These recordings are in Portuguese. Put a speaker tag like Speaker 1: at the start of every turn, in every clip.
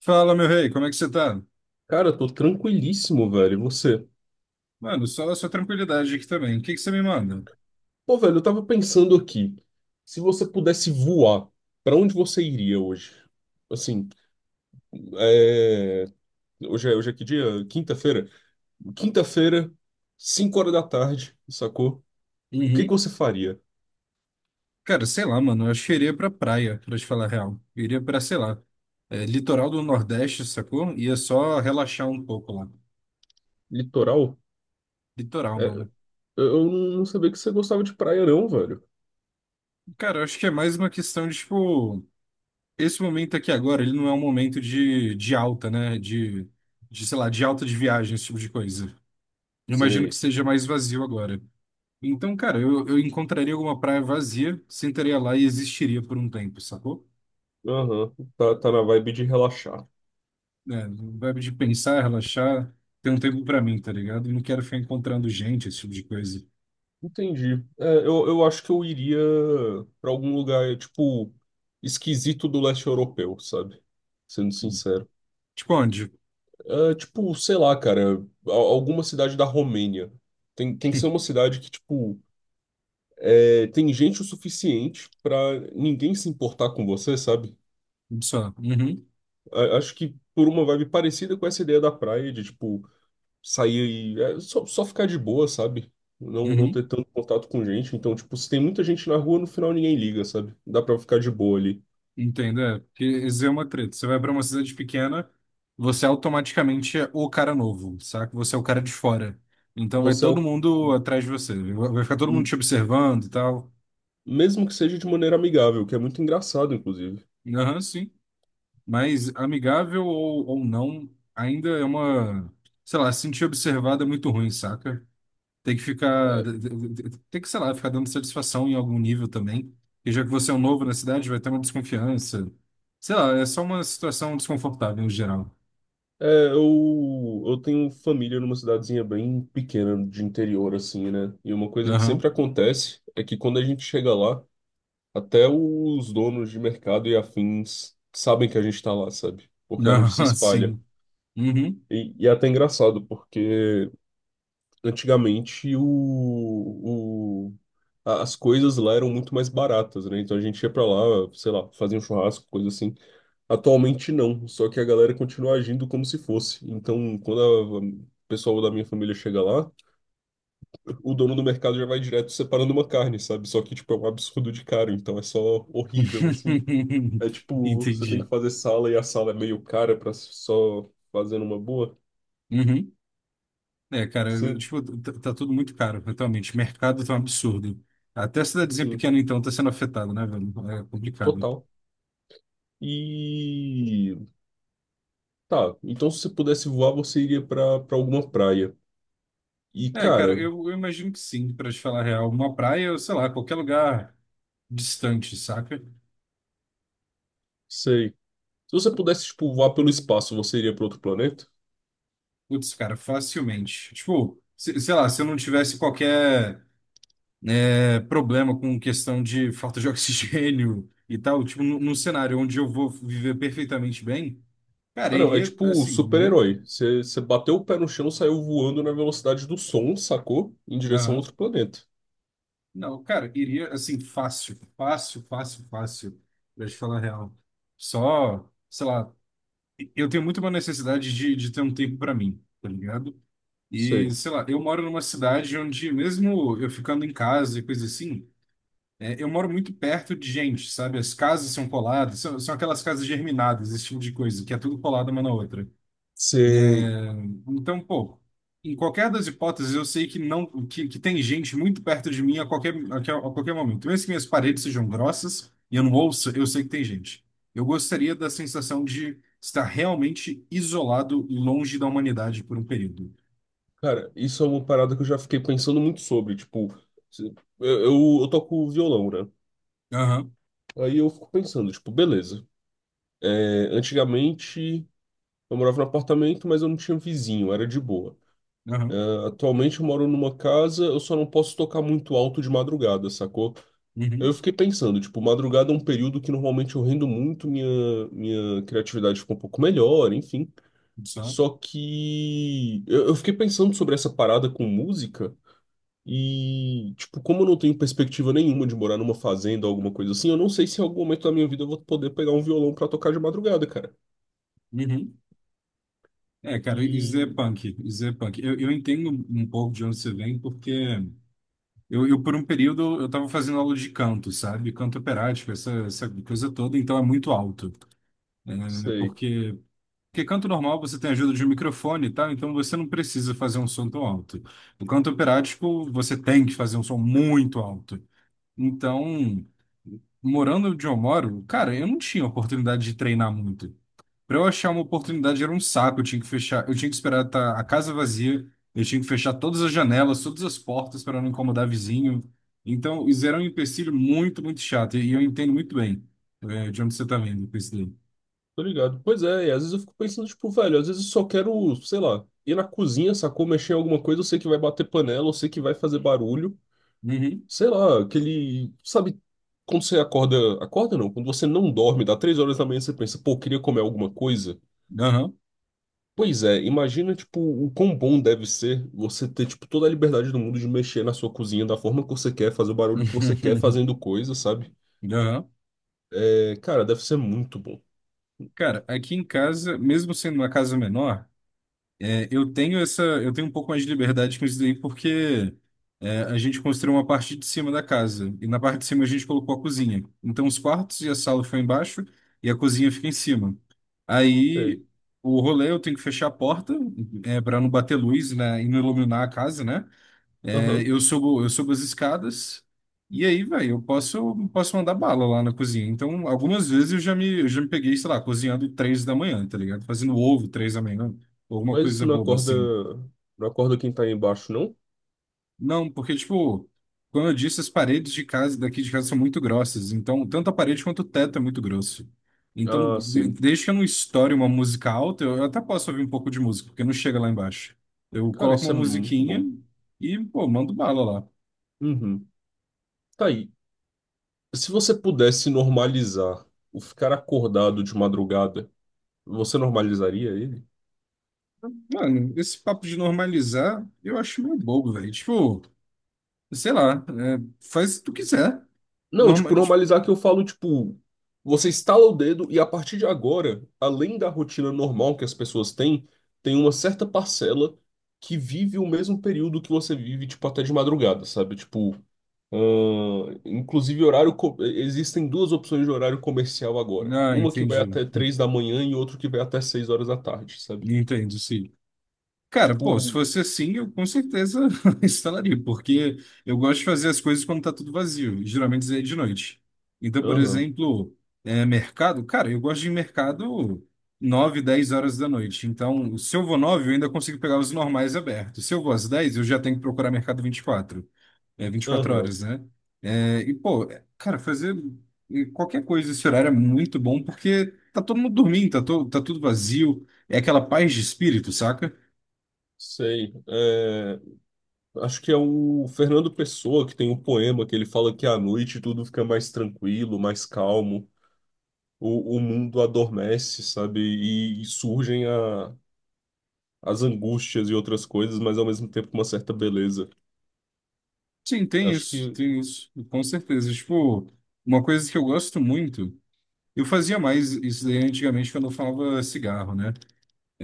Speaker 1: Fala, meu rei, como é que você tá?
Speaker 2: Cara, eu tô tranquilíssimo, velho. E você?
Speaker 1: Mano, só a sua tranquilidade aqui também. O que que você me manda?
Speaker 2: Pô, velho, eu tava pensando aqui. Se você pudesse voar, pra onde você iria hoje? Assim, é... hoje é que dia? Quinta-feira? Quinta-feira, 5 horas da tarde, sacou? O que que
Speaker 1: Uhum.
Speaker 2: você faria?
Speaker 1: Cara, sei lá, mano, eu acho que eu iria pra praia, pra te falar a real. Eu iria pra, sei lá, litoral do Nordeste, sacou? Ia só relaxar um pouco lá.
Speaker 2: Litoral?
Speaker 1: Litoral,
Speaker 2: É,
Speaker 1: mano.
Speaker 2: eu não sabia que você gostava de praia, não, velho.
Speaker 1: Cara, eu acho que é mais uma questão de, tipo, esse momento aqui agora, ele não é um momento de, alta, né? De, sei lá, de alta de viagem, esse tipo de coisa. Eu imagino que
Speaker 2: Sei.
Speaker 1: seja mais vazio agora. Então, cara, eu encontraria alguma praia vazia, sentaria lá e existiria por um tempo, sacou?
Speaker 2: Aham, tá, tá na vibe de relaxar.
Speaker 1: É, vibe de pensar, relaxar, ter um tempo pra mim, tá ligado? Não quero ficar encontrando gente, esse tipo de coisa.
Speaker 2: Entendi. É, eu acho que eu iria pra algum lugar, tipo, esquisito do leste europeu, sabe? Sendo sincero.
Speaker 1: Tipo onde?
Speaker 2: É, tipo, sei lá, cara, alguma cidade da Romênia. Tem que ser uma cidade que, tipo, tem gente o suficiente pra ninguém se importar com você, sabe?
Speaker 1: Só. Uhum,
Speaker 2: Acho que por uma vibe parecida com essa ideia da praia, de, tipo, sair e só ficar de boa, sabe? Não
Speaker 1: uhum.
Speaker 2: ter tanto contato com gente. Então, tipo, se tem muita gente na rua, no final ninguém liga, sabe? Dá pra ficar de boa ali.
Speaker 1: Entendo, é. Porque isso é uma treta. Você vai pra uma cidade pequena, você automaticamente é o cara novo, saca? Você é o cara de fora. Então vai
Speaker 2: Você é
Speaker 1: todo
Speaker 2: o...
Speaker 1: mundo
Speaker 2: e-
Speaker 1: atrás de você. Vai ficar todo mundo
Speaker 2: e-
Speaker 1: te observando e tal.
Speaker 2: Mesmo que seja de maneira amigável, que é muito engraçado, inclusive.
Speaker 1: Aham, sim. Mas amigável ou, não, ainda é uma, sei lá, se sentir observado é muito ruim, saca? Tem que ficar,
Speaker 2: É,
Speaker 1: sei lá, ficar dando satisfação em algum nível também. E já que você é um novo na cidade, vai ter uma desconfiança. Sei lá, é só uma situação desconfortável em geral.
Speaker 2: é, eu tenho família numa cidadezinha bem pequena de interior, assim, né? E uma coisa que sempre
Speaker 1: Aham,
Speaker 2: acontece é que quando a gente chega lá, até os donos de mercado e afins sabem que a gente tá lá, sabe? Porque a notícia
Speaker 1: aham,
Speaker 2: espalha.
Speaker 1: sim. Uhum.
Speaker 2: E é até engraçado, porque antigamente as coisas lá eram muito mais baratas, né? Então a gente ia pra lá, sei lá, fazia um churrasco, coisa assim. Atualmente não, só que a galera continua agindo como se fosse. Então, quando o pessoal da minha família chega lá, o dono do mercado já vai direto separando uma carne, sabe? Só que, tipo, é um absurdo de caro, então é só horrível, assim. É tipo, você tem que
Speaker 1: Entendi.
Speaker 2: fazer sala e a sala é meio cara pra só fazer numa boa.
Speaker 1: Uhum. É, cara,
Speaker 2: Você,
Speaker 1: tipo, tá tudo muito caro, atualmente. O mercado tá um absurdo. Até a cidadezinha
Speaker 2: sim,
Speaker 1: pequena, então, tá sendo afetada, né, velho? É complicado.
Speaker 2: total. E tá, então se você pudesse voar, você iria pra para alguma praia. E
Speaker 1: É, cara,
Speaker 2: cara,
Speaker 1: eu imagino que sim, pra te falar a real. Uma praia, ou sei lá, qualquer lugar distante, saca?
Speaker 2: sei. Se você pudesse tipo voar pelo espaço, você iria pra outro planeta?
Speaker 1: Putz, cara, facilmente. Tipo, sei lá, se eu não tivesse qualquer problema com questão de falta de oxigênio e tal, tipo, num cenário onde eu vou viver perfeitamente bem, cara,
Speaker 2: Ah, não, é
Speaker 1: iria,
Speaker 2: tipo
Speaker 1: assim, muito.
Speaker 2: super-herói. Você bateu o pé no chão, saiu voando na velocidade do som, sacou? Em direção a outro planeta.
Speaker 1: Não, cara, iria assim, fácil, fácil, fácil, fácil, pra te falar a real. Só, sei lá, eu tenho muito uma necessidade de, ter um tempo pra mim, tá ligado? E,
Speaker 2: Sei.
Speaker 1: sei lá, eu moro numa cidade onde, mesmo eu ficando em casa e coisa assim, eu moro muito perto de gente, sabe? As casas são coladas, são aquelas casas germinadas, esse tipo de coisa, que é tudo colado uma na outra, né?
Speaker 2: Sei.
Speaker 1: Então, pô, em qualquer das hipóteses, eu sei que não, que, tem gente muito perto de mim a qualquer momento. Mesmo que minhas paredes sejam grossas e eu não ouça, eu sei que tem gente. Eu gostaria da sensação de estar realmente isolado e longe da humanidade por um período.
Speaker 2: Cara, isso é uma parada que eu já fiquei pensando muito sobre, tipo, se- eu toco violão, né?
Speaker 1: Aham,
Speaker 2: Aí eu fico pensando, tipo, beleza. É, antigamente eu morava no apartamento, mas eu não tinha vizinho, era de boa.
Speaker 1: aham,
Speaker 2: Atualmente eu moro numa casa, eu só não posso tocar muito alto de madrugada, sacou? Eu
Speaker 1: uhum,
Speaker 2: fiquei pensando, tipo, madrugada é um período que normalmente eu rendo muito, minha criatividade fica um pouco melhor, enfim.
Speaker 1: só,
Speaker 2: Só que eu fiquei pensando sobre essa parada com música e, tipo, como eu não tenho perspectiva nenhuma de morar numa fazenda ou alguma coisa assim, eu não sei se em algum momento da minha vida eu vou poder pegar um violão pra tocar de madrugada, cara.
Speaker 1: uhum. É, cara, isso é
Speaker 2: E
Speaker 1: punk, isso é punk. Eu entendo um pouco de onde você vem, porque eu, por um período, eu estava fazendo aula de canto, sabe? Canto operático, essa coisa toda, então é muito alto, né?
Speaker 2: sei.
Speaker 1: Porque, canto normal você tem ajuda de um microfone e tal, então você não precisa fazer um som tão alto. No canto operático, você tem que fazer um som muito alto. Então, morando onde eu moro, cara, eu não tinha oportunidade de treinar muito. Para eu achar uma oportunidade era um saco, eu tinha que esperar tá a casa vazia, eu tinha que fechar todas as janelas, todas as portas para não incomodar vizinho. Então, isso era um empecilho muito, muito chato, e eu entendo muito bem, de onde você está vindo com isso daí.
Speaker 2: Tô ligado. Pois é, e às vezes eu fico pensando, tipo, velho, às vezes eu só quero, sei lá, ir na cozinha, sacou, mexer em alguma coisa, eu sei que vai bater panela, eu sei que vai fazer barulho.
Speaker 1: Uhum.
Speaker 2: Sei lá, aquele. Sabe, quando você acorda. Acorda não, quando você não dorme, dá 3 horas da manhã, e você pensa, pô, eu queria comer alguma coisa.
Speaker 1: Aham.
Speaker 2: Pois é, imagina, tipo, o quão bom deve ser você ter, tipo, toda a liberdade do mundo de mexer na sua cozinha da forma que você quer, fazer o barulho que você quer, fazendo coisa, sabe?
Speaker 1: Aham.
Speaker 2: É, cara, deve ser muito bom.
Speaker 1: Cara, aqui em casa, mesmo sendo uma casa menor, eu tenho um pouco mais de liberdade com isso daí, porque a gente construiu uma parte de cima da casa, e na parte de cima a gente colocou a cozinha. Então os quartos e a sala ficam embaixo, e a cozinha fica em cima.
Speaker 2: Ei.
Speaker 1: Aí o rolê eu tenho que fechar a porta, para não bater luz, né, e não iluminar a casa, né? É,
Speaker 2: Aham.
Speaker 1: eu subo as escadas e aí, velho, eu posso mandar bala lá na cozinha. Então, algumas vezes eu já me peguei, sei lá, cozinhando 3 da manhã, tá ligado? Fazendo ovo 3 da manhã, ou alguma
Speaker 2: Mas
Speaker 1: coisa
Speaker 2: não
Speaker 1: boba
Speaker 2: acorda,
Speaker 1: assim.
Speaker 2: não acorda quem tá aí embaixo, não?
Speaker 1: Não, porque, tipo, como eu disse, as paredes de casa, daqui de casa são muito grossas. Então, tanto a parede quanto o teto é muito grosso. Então,
Speaker 2: Ah, sim.
Speaker 1: desde que eu não estoure uma música alta, eu até posso ouvir um pouco de música, porque não chega lá embaixo. Eu
Speaker 2: Cara,
Speaker 1: coloco
Speaker 2: isso
Speaker 1: uma
Speaker 2: é muito
Speaker 1: musiquinha
Speaker 2: bom.
Speaker 1: e, pô, mando bala lá.
Speaker 2: Uhum. Tá aí. Se você pudesse normalizar o ficar acordado de madrugada, você normalizaria ele?
Speaker 1: Mano, esse papo de normalizar, eu acho meio bobo, velho. Tipo, sei lá, faz o que tu quiser.
Speaker 2: Não, tipo,
Speaker 1: Normal, tipo,
Speaker 2: normalizar que eu falo, tipo, você estala o dedo e a partir de agora, além da rotina normal que as pessoas têm, tem uma certa parcela que vive o mesmo período que você vive, tipo, até de madrugada, sabe? Tipo, inclusive horário, existem duas opções de horário comercial agora.
Speaker 1: ah,
Speaker 2: Uma que vai
Speaker 1: entendi.
Speaker 2: até 3 da manhã e outra que vai até 6 horas da tarde, sabe?
Speaker 1: Entendo, sim. Cara, pô, se
Speaker 2: Tipo,
Speaker 1: fosse assim, eu com certeza instalaria, porque eu gosto de fazer as coisas quando tá tudo vazio, e geralmente isso é de noite. Então, por
Speaker 2: aham,
Speaker 1: exemplo, mercado, cara, eu gosto de ir em mercado 9 10 horas da noite. Então, se eu vou 9 eu ainda consigo pegar os normais abertos. Se eu vou às 10 eu já tenho que procurar mercado 24. É vinte e quatro
Speaker 2: aham,
Speaker 1: horas, né? É, e, pô, é, cara, fazer qualquer coisa esse horário é muito bom porque tá todo mundo dormindo, tá tudo vazio. É aquela paz de espírito, saca?
Speaker 2: sei. Acho que é o Fernando Pessoa que tem um poema que ele fala que à noite tudo fica mais tranquilo, mais calmo, o mundo adormece, sabe? E surgem as angústias e outras coisas, mas ao mesmo tempo com uma certa beleza.
Speaker 1: Sim,
Speaker 2: Acho que.
Speaker 1: tem isso, com certeza. Tipo, uma coisa que eu gosto muito, eu fazia mais isso daí antigamente quando eu falava cigarro, né?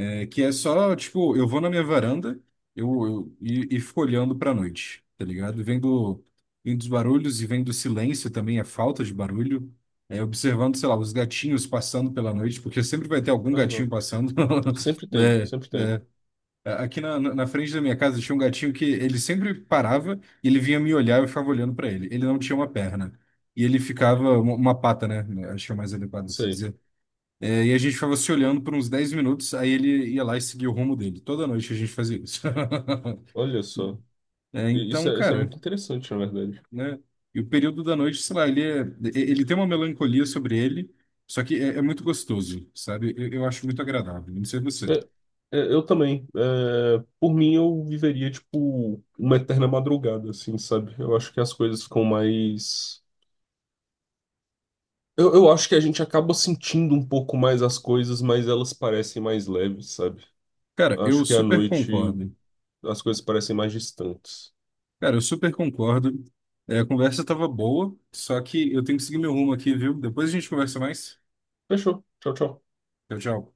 Speaker 1: É que é só, tipo, eu vou na minha varanda e fico olhando pra noite, tá ligado? Vendo os barulhos e vendo o silêncio também, a falta de barulho. É, observando, sei lá, os gatinhos passando pela noite, porque sempre vai ter algum gatinho
Speaker 2: Aham.
Speaker 1: passando,
Speaker 2: Sempre tem,
Speaker 1: né?
Speaker 2: sempre tem.
Speaker 1: Aqui na frente da minha casa tinha um gatinho que ele sempre parava, e ele vinha me olhar e eu ficava olhando pra ele. Ele não tinha uma perna. E ele ficava, uma pata, né? Acho que é mais adequado se
Speaker 2: Sei.
Speaker 1: dizer e a gente ficava se olhando por uns 10 minutos, aí ele ia lá e seguia o rumo dele. Toda noite a gente fazia isso.
Speaker 2: Olha só.
Speaker 1: É,
Speaker 2: E- Isso
Speaker 1: então,
Speaker 2: é, isso é
Speaker 1: cara,
Speaker 2: muito interessante, na verdade.
Speaker 1: né? E o período da noite, sei lá, ele, ele tem uma melancolia sobre ele, só que é muito gostoso, sabe? Eu acho muito agradável, não sei você.
Speaker 2: É, é, eu também. É, por mim, eu viveria, tipo, uma eterna madrugada, assim, sabe? Eu acho que as coisas ficam mais. Eu acho que a gente acaba sentindo um pouco mais as coisas, mas elas parecem mais leves, sabe?
Speaker 1: Cara, eu
Speaker 2: Acho que à
Speaker 1: super
Speaker 2: noite
Speaker 1: concordo.
Speaker 2: as coisas parecem mais distantes.
Speaker 1: Cara, eu super concordo. É, a conversa tava boa, só que eu tenho que seguir meu rumo aqui, viu? Depois a gente conversa mais.
Speaker 2: Fechou. Tchau, tchau.
Speaker 1: Tchau, tchau.